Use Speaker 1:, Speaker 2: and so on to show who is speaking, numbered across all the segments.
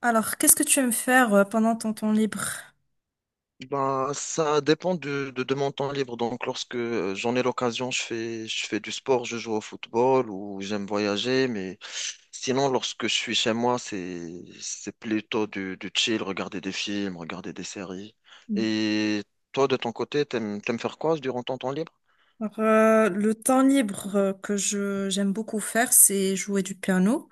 Speaker 1: Alors, qu'est-ce que tu aimes faire pendant ton temps libre?
Speaker 2: Ben, ça dépend de mon temps libre. Donc, lorsque j'en ai l'occasion, je fais du sport, je joue au football ou j'aime voyager. Mais sinon, lorsque je suis chez moi, c'est plutôt du chill, regarder des films, regarder des séries.
Speaker 1: Mm.
Speaker 2: Et toi, de ton côté, t'aimes faire quoi durant ton temps libre?
Speaker 1: Le temps libre que je j'aime beaucoup faire, c'est jouer du piano.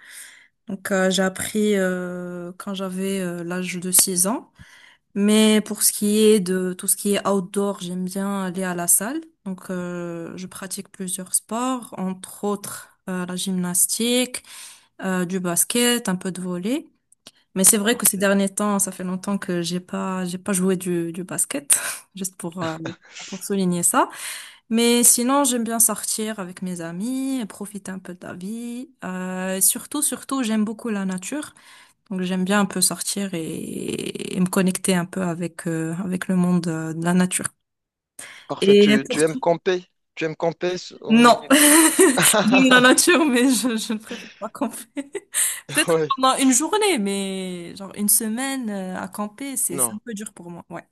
Speaker 1: J'ai appris quand j'avais l'âge de 6 ans. Mais pour ce qui est de tout ce qui est outdoor, j'aime bien aller à la salle. Je pratique plusieurs sports, entre autres la gymnastique, du basket, un peu de volley. Mais c'est vrai que ces
Speaker 2: Parfait.
Speaker 1: derniers temps, ça fait longtemps que j'ai pas joué du basket, juste pour souligner ça. Mais sinon, j'aime bien sortir avec mes amis, profiter un peu de la vie. Et surtout, surtout, j'aime beaucoup la nature. Donc, j'aime bien un peu sortir et me connecter un peu avec le monde de la nature.
Speaker 2: Parfait.
Speaker 1: Et
Speaker 2: Tu,
Speaker 1: pour
Speaker 2: tu aimes camper? Tu aimes camper? S- au ni-
Speaker 1: Non, j'aime la nature, mais je ne préfère pas camper. Peut-être
Speaker 2: Ouais.
Speaker 1: pendant une journée, mais genre une semaine à camper, c'est un
Speaker 2: Non.
Speaker 1: peu dur pour moi. Ouais.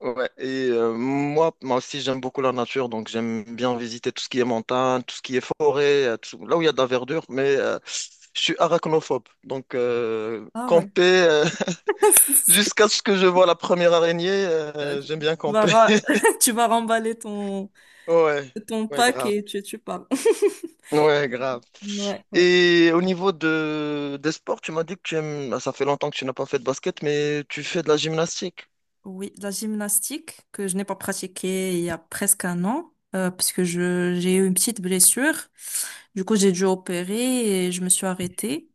Speaker 2: Ouais, et moi, moi aussi, j'aime beaucoup la nature, donc j'aime bien visiter tout ce qui est montagne, tout ce qui est forêt, là où il y a de la verdure, mais je suis arachnophobe. Donc,
Speaker 1: Ah ouais.
Speaker 2: camper, jusqu'à ce que je vois la première araignée,
Speaker 1: Euh,
Speaker 2: j'aime bien
Speaker 1: Tu vas,
Speaker 2: camper.
Speaker 1: tu vas remballer
Speaker 2: Ouais,
Speaker 1: ton
Speaker 2: ouais,
Speaker 1: pack
Speaker 2: grave.
Speaker 1: et tu pars.
Speaker 2: Ouais, grave.
Speaker 1: Ouais, ouais.
Speaker 2: Et au niveau de, des sports, tu m'as dit que tu aimes, ah, ça fait longtemps que tu n'as pas fait de basket, mais tu fais de la gymnastique.
Speaker 1: Oui, la gymnastique que je n'ai pas pratiquée il y a presque un an, parce que j'ai eu une petite blessure. Du coup, j'ai dû opérer et je me suis arrêtée.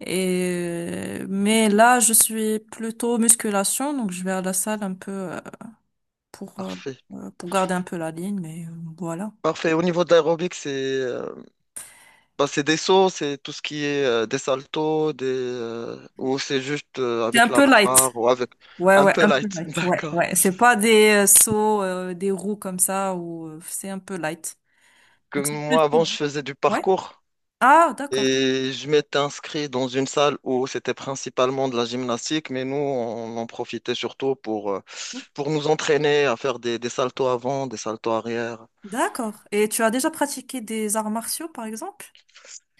Speaker 1: Et, mais là, je suis plutôt musculation, donc je vais à la salle un peu pour, euh,
Speaker 2: Parfait.
Speaker 1: pour garder un peu la ligne, mais voilà.
Speaker 2: Parfait. Au niveau de l'aérobic, Bah, c'est des sauts, c'est tout ce qui est des saltos, ou c'est juste
Speaker 1: C'est un
Speaker 2: avec la
Speaker 1: peu light.
Speaker 2: barre ou avec
Speaker 1: Ouais,
Speaker 2: un
Speaker 1: ouais,
Speaker 2: peu
Speaker 1: un peu
Speaker 2: light.
Speaker 1: light. Ouais,
Speaker 2: D'accord.
Speaker 1: ouais. C'est pas des sauts, des roues comme ça, ou c'est un peu light.
Speaker 2: Que
Speaker 1: Donc c'est plus.
Speaker 2: moi, avant, je faisais du
Speaker 1: Ouais.
Speaker 2: parcours
Speaker 1: Ah, d'accord.
Speaker 2: et je m'étais inscrit dans une salle où c'était principalement de la gymnastique, mais nous, on en profitait surtout pour nous entraîner à faire des saltos avant, des saltos arrière.
Speaker 1: D'accord. Et tu as déjà pratiqué des arts martiaux, par exemple?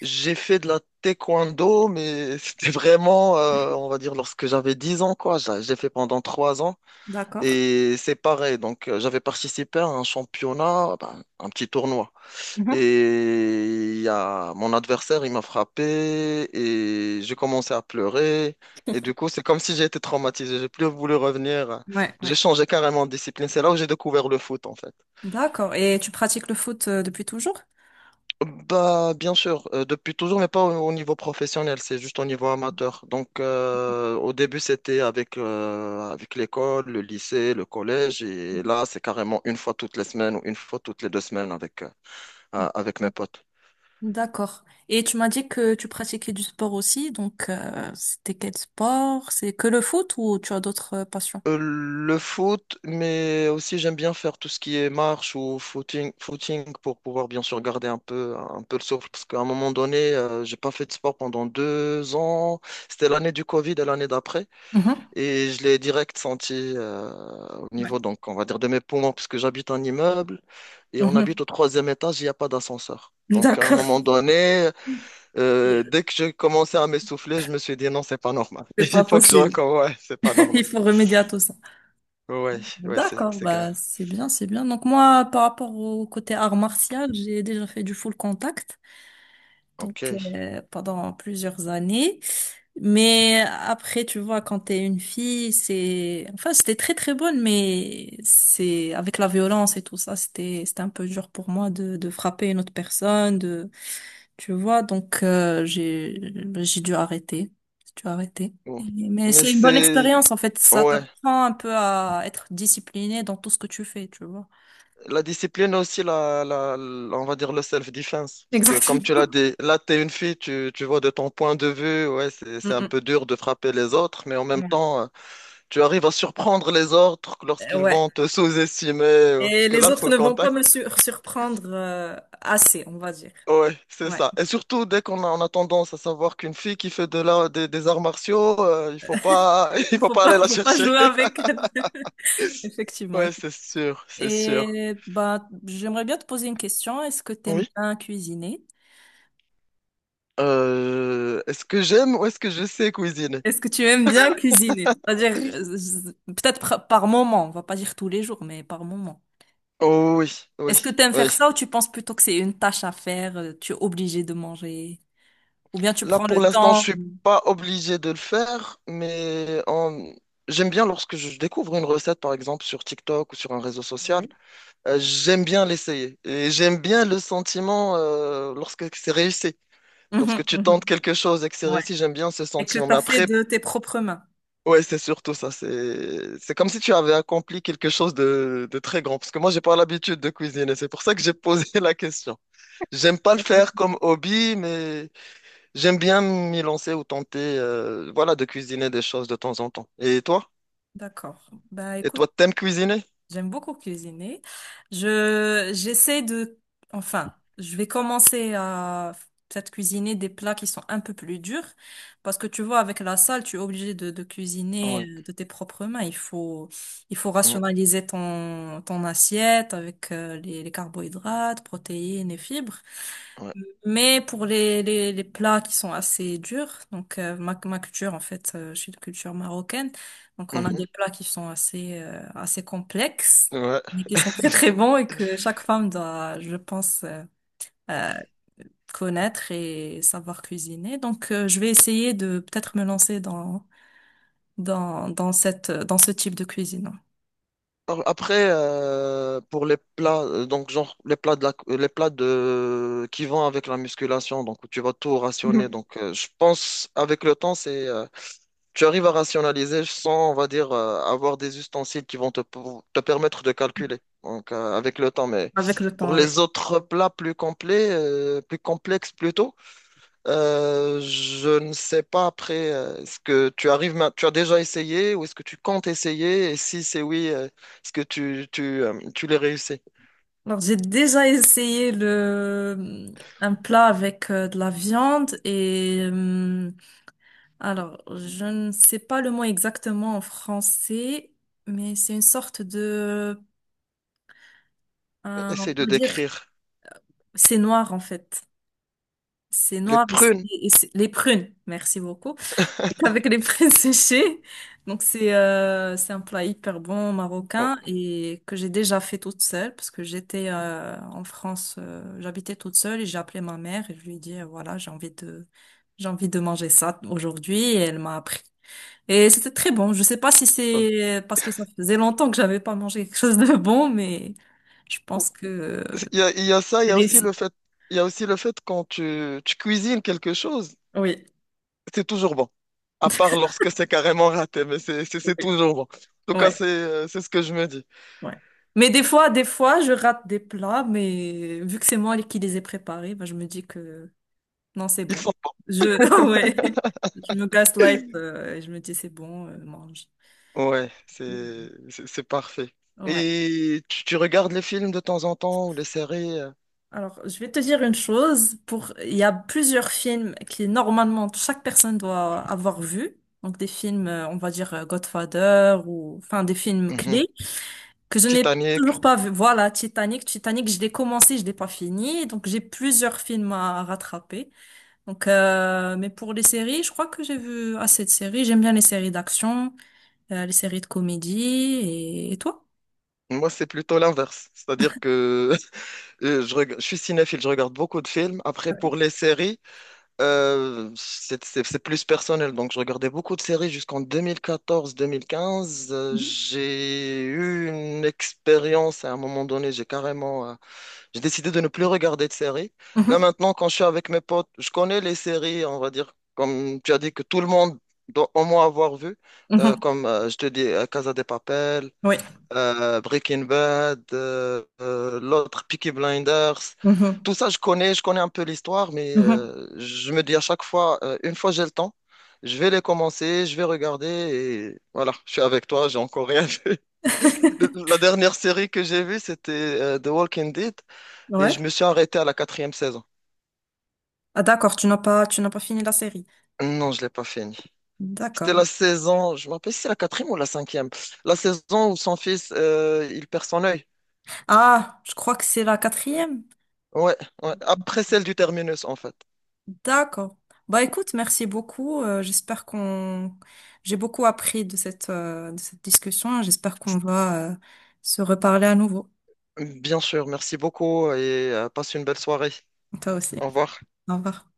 Speaker 2: J'ai fait de la taekwondo, mais c'était vraiment, on va dire, lorsque j'avais 10 ans, quoi. J'ai fait pendant 3 ans.
Speaker 1: D'accord.
Speaker 2: Et c'est pareil, donc j'avais participé à un championnat, ben, un petit tournoi.
Speaker 1: Mhm.
Speaker 2: Et il y a mon adversaire, il m'a frappé et j'ai commencé à pleurer. Et du coup, c'est comme si j'ai été traumatisé. J'ai plus voulu revenir.
Speaker 1: Ouais, ouais.
Speaker 2: J'ai changé carrément de discipline. C'est là où j'ai découvert le foot, en fait.
Speaker 1: D'accord. Et tu pratiques le foot depuis toujours?
Speaker 2: Bah, bien sûr, depuis toujours, mais pas au niveau professionnel, c'est juste au niveau amateur. Donc, au début, c'était avec, avec l'école, le lycée, le collège, et là, c'est carrément une fois toutes les semaines ou une fois toutes les deux semaines avec, avec mes potes.
Speaker 1: D'accord. Et tu m'as dit que tu pratiquais du sport aussi, donc c'était quel sport? C'est que le foot ou tu as d'autres passions?
Speaker 2: Le foot, mais aussi j'aime bien faire tout ce qui est marche ou footing, footing pour pouvoir bien sûr garder un peu le souffle, parce qu'à un moment donné, j'ai pas fait de sport pendant 2 ans. C'était l'année du Covid et l'année d'après.
Speaker 1: Mhm.
Speaker 2: Et je l'ai direct senti au
Speaker 1: Ouais.
Speaker 2: niveau, donc, on va dire, de mes poumons, puisque j'habite un immeuble et on habite
Speaker 1: Mhm.
Speaker 2: au troisième étage, il n'y a pas d'ascenseur. Donc, à un
Speaker 1: D'accord.
Speaker 2: moment donné, dès que je commençais à m'essouffler, je me suis dit non, c'est pas normal.
Speaker 1: C'est
Speaker 2: Il
Speaker 1: pas
Speaker 2: faut que je
Speaker 1: possible.
Speaker 2: recommence. Ouais, c'est pas normal.
Speaker 1: Il faut remédier à tout ça.
Speaker 2: Ouais, ouais,
Speaker 1: D'accord,
Speaker 2: c'est grave.
Speaker 1: bah c'est bien, c'est bien. Donc moi, par rapport au côté art martial, j'ai déjà fait du full contact, donc
Speaker 2: Ok.
Speaker 1: pendant plusieurs années. Mais après, tu vois, quand t'es une fille, c'est, enfin, c'était très très bonne, mais c'est, avec la violence et tout ça, c'était un peu dur pour moi de frapper une autre personne, de, tu vois, donc, j'ai dû arrêter. J'ai dû arrêter.
Speaker 2: Bon.
Speaker 1: Mais
Speaker 2: Mais
Speaker 1: c'est une bonne
Speaker 2: c'est.
Speaker 1: expérience, en fait. Ça
Speaker 2: Ouais.
Speaker 1: t'apprend un peu à être discipliné dans tout ce que tu fais, tu vois.
Speaker 2: La discipline aussi, on va dire le self-defense. Parce que comme tu l'as
Speaker 1: Exactement.
Speaker 2: dit, là, tu es une fille, tu vois de ton point de vue, ouais, c'est un
Speaker 1: Mm,
Speaker 2: peu dur de frapper les autres, mais en
Speaker 1: mm.
Speaker 2: même
Speaker 1: Ouais.
Speaker 2: temps, tu arrives à surprendre les autres lorsqu'ils
Speaker 1: Ouais.
Speaker 2: vont te sous-estimer. Parce
Speaker 1: Et
Speaker 2: que là,
Speaker 1: les
Speaker 2: il faut
Speaker 1: autres
Speaker 2: le
Speaker 1: ne vont pas
Speaker 2: contact.
Speaker 1: me surprendre, assez, on va dire.
Speaker 2: Ouais, c'est
Speaker 1: Ouais.
Speaker 2: ça. Et surtout, dès qu'on a, on a tendance à savoir qu'une fille qui fait de la, des arts martiaux, il faut pas, il faut pas aller la
Speaker 1: Faut pas
Speaker 2: chercher.
Speaker 1: jouer avec. Effectivement.
Speaker 2: Ouais, c'est sûr, c'est sûr.
Speaker 1: Et bah, j'aimerais bien te poser une question. Est-ce que tu aimes
Speaker 2: Oui.
Speaker 1: bien cuisiner?
Speaker 2: Est-ce que j'aime ou est-ce que je sais cuisiner?
Speaker 1: Est-ce que tu aimes bien cuisiner? C'est-à-dire, peut-être par moment, on va pas dire tous les jours, mais par moment.
Speaker 2: Oh oui, oui,
Speaker 1: Est-ce que tu aimes
Speaker 2: oui.
Speaker 1: faire ça ou tu penses plutôt que c'est une tâche à faire, tu es obligé de manger? Ou bien tu
Speaker 2: Là,
Speaker 1: prends
Speaker 2: pour
Speaker 1: le
Speaker 2: l'instant, je
Speaker 1: temps?
Speaker 2: suis pas obligé de le faire, j'aime bien lorsque je découvre une recette, par exemple, sur TikTok ou sur un réseau social, j'aime bien l'essayer. Et j'aime bien le sentiment lorsque c'est réussi. Lorsque
Speaker 1: Mhm,
Speaker 2: tu
Speaker 1: mhm,
Speaker 2: tentes quelque chose et que c'est
Speaker 1: ouais.
Speaker 2: réussi, j'aime bien ce
Speaker 1: Et que
Speaker 2: sentiment. Mais
Speaker 1: t'as fait
Speaker 2: après,
Speaker 1: de tes propres mains.
Speaker 2: ouais, c'est surtout ça. C'est comme si tu avais accompli quelque chose de très grand. Parce que moi, j'ai pas l'habitude de cuisiner. C'est pour ça que j'ai posé la question. J'aime pas le
Speaker 1: Ouais.
Speaker 2: faire comme hobby, mais... J'aime bien m'y lancer ou tenter, voilà, de cuisiner des choses de temps en temps. Et toi?
Speaker 1: D'accord. Bah
Speaker 2: Et
Speaker 1: écoute,
Speaker 2: toi, t'aimes cuisiner?
Speaker 1: j'aime beaucoup cuisiner. J'essaie de, enfin, je vais commencer à peut-être cuisiner des plats qui sont un peu plus durs parce que tu vois, avec la salle, tu es obligé de cuisiner
Speaker 2: Ouais,
Speaker 1: de tes propres mains. Il faut
Speaker 2: ouais,
Speaker 1: rationaliser ton assiette avec les carbohydrates, protéines et fibres.
Speaker 2: ouais.
Speaker 1: Mais pour les plats qui sont assez durs, donc ma culture en fait, je suis de culture marocaine, donc on a
Speaker 2: Mhm,
Speaker 1: des plats qui sont assez complexes,
Speaker 2: ouais.
Speaker 1: mais qui sont très très bons et que chaque femme doit, je pense, euh, connaître et savoir cuisiner. Donc je vais essayer de peut-être me lancer dans ce type de cuisine.
Speaker 2: Alors, après, pour les plats, donc genre les plats les plats de qui vont avec la musculation, donc où tu vas tout rationner.
Speaker 1: Mhm.
Speaker 2: Donc, je pense avec le temps, c'est tu arrives à rationaliser sans, on va dire, avoir des ustensiles qui vont te, te permettre de calculer. Donc, avec le temps. Mais
Speaker 1: Avec le
Speaker 2: pour
Speaker 1: temps, oui.
Speaker 2: les autres plats plus complets, plus complexes plutôt, je ne sais pas après, est-ce que tu arrives, tu as déjà essayé ou est-ce que tu comptes essayer? Et si c'est oui, est-ce que tu les réussis?
Speaker 1: Alors, j'ai déjà essayé un plat avec de la viande et alors, je ne sais pas le mot exactement en français, mais c'est une sorte de, on
Speaker 2: Essaye de
Speaker 1: va dire,
Speaker 2: décrire
Speaker 1: c'est noir en fait. C'est
Speaker 2: les
Speaker 1: noir et c'est
Speaker 2: prunes.
Speaker 1: et c'est- les prunes. Merci beaucoup. Donc, avec les prunes séchées. Donc c'est un plat hyper bon
Speaker 2: Bon.
Speaker 1: marocain et que j'ai déjà fait toute seule parce que j'étais en France, j'habitais toute seule et j'ai appelé ma mère et je lui ai dit voilà, j'ai envie de manger ça aujourd'hui et elle m'a appris. Et c'était très bon. Je sais pas si
Speaker 2: Ah.
Speaker 1: c'est parce que ça faisait longtemps que j'avais pas mangé quelque chose de bon, mais je pense que
Speaker 2: Il y a ça, il y
Speaker 1: c'est
Speaker 2: a aussi le
Speaker 1: réussi.
Speaker 2: fait, il y a aussi le fait quand tu cuisines quelque chose,
Speaker 1: Oui,
Speaker 2: c'est toujours bon. À part lorsque c'est carrément raté, mais c'est
Speaker 1: oui,
Speaker 2: toujours bon. En tout cas,
Speaker 1: ouais,
Speaker 2: c'est ce que je me dis.
Speaker 1: ouais. Mais des fois, je rate des plats, mais vu que c'est moi qui les ai préparés, bah, je me dis que non, c'est
Speaker 2: Ils
Speaker 1: bon.
Speaker 2: sont bons.
Speaker 1: Je, ouais, je me gaslight, et je me dis c'est bon, mange.
Speaker 2: Ouais, c'est parfait.
Speaker 1: Ouais.
Speaker 2: Et tu regardes les films de temps en temps ou les séries
Speaker 1: Alors, je vais te dire une chose. Pour, il y a plusieurs films qui, normalement, chaque personne doit avoir vu. Donc, des films, on va dire, Godfather ou, enfin, des films
Speaker 2: mhm.
Speaker 1: clés que je n'ai
Speaker 2: Titanic.
Speaker 1: toujours pas vu. Voilà, Titanic. Titanic, je l'ai commencé, je l'ai pas fini. Donc, j'ai plusieurs films à rattraper. Donc, mais pour les séries, je crois que j'ai vu assez de séries. J'aime bien les séries d'action, les séries de comédie. Et toi?
Speaker 2: Moi, c'est plutôt l'inverse. C'est-à-dire que je suis cinéphile, je regarde beaucoup de films. Après, pour les séries, c'est plus personnel. Donc, je regardais beaucoup de séries jusqu'en 2014-2015.
Speaker 1: Mhm.
Speaker 2: J'ai eu une expérience à un moment donné. J'ai décidé de ne plus regarder de séries. Là,
Speaker 1: Mhm.
Speaker 2: maintenant, quand je suis avec mes potes, je connais les séries, on va dire, comme tu as dit, que tout le monde doit au moins avoir vu.
Speaker 1: Mhm.
Speaker 2: Comme je te dis, Casa de Papel
Speaker 1: Oui.
Speaker 2: Breaking Bad, l'autre Peaky Blinders.
Speaker 1: Mhm.
Speaker 2: Tout ça, je connais un peu l'histoire, mais
Speaker 1: Mhm.
Speaker 2: je me dis à chaque fois, une fois j'ai le temps, je vais les commencer, je vais regarder et voilà, je suis avec toi, j'ai encore rien vu. La dernière série que j'ai vue, c'était The Walking Dead et
Speaker 1: Ouais.
Speaker 2: je me suis arrêté à la quatrième saison.
Speaker 1: Ah d'accord, tu n'as pas fini la série.
Speaker 2: Non, je l'ai pas fini. C'était
Speaker 1: D'accord.
Speaker 2: la saison, je me rappelle si c'est la quatrième ou la cinquième. La saison où son fils, il perd son œil.
Speaker 1: Ah, je crois que c'est la quatrième.
Speaker 2: Ouais, ouais. Après celle du terminus, en fait.
Speaker 1: D'accord. Bah écoute, merci beaucoup. J'ai beaucoup appris de cette discussion. J'espère qu'on va, se reparler à nouveau.
Speaker 2: Bien sûr, merci beaucoup et passe une belle soirée.
Speaker 1: Toi aussi.
Speaker 2: Au revoir.
Speaker 1: Au revoir.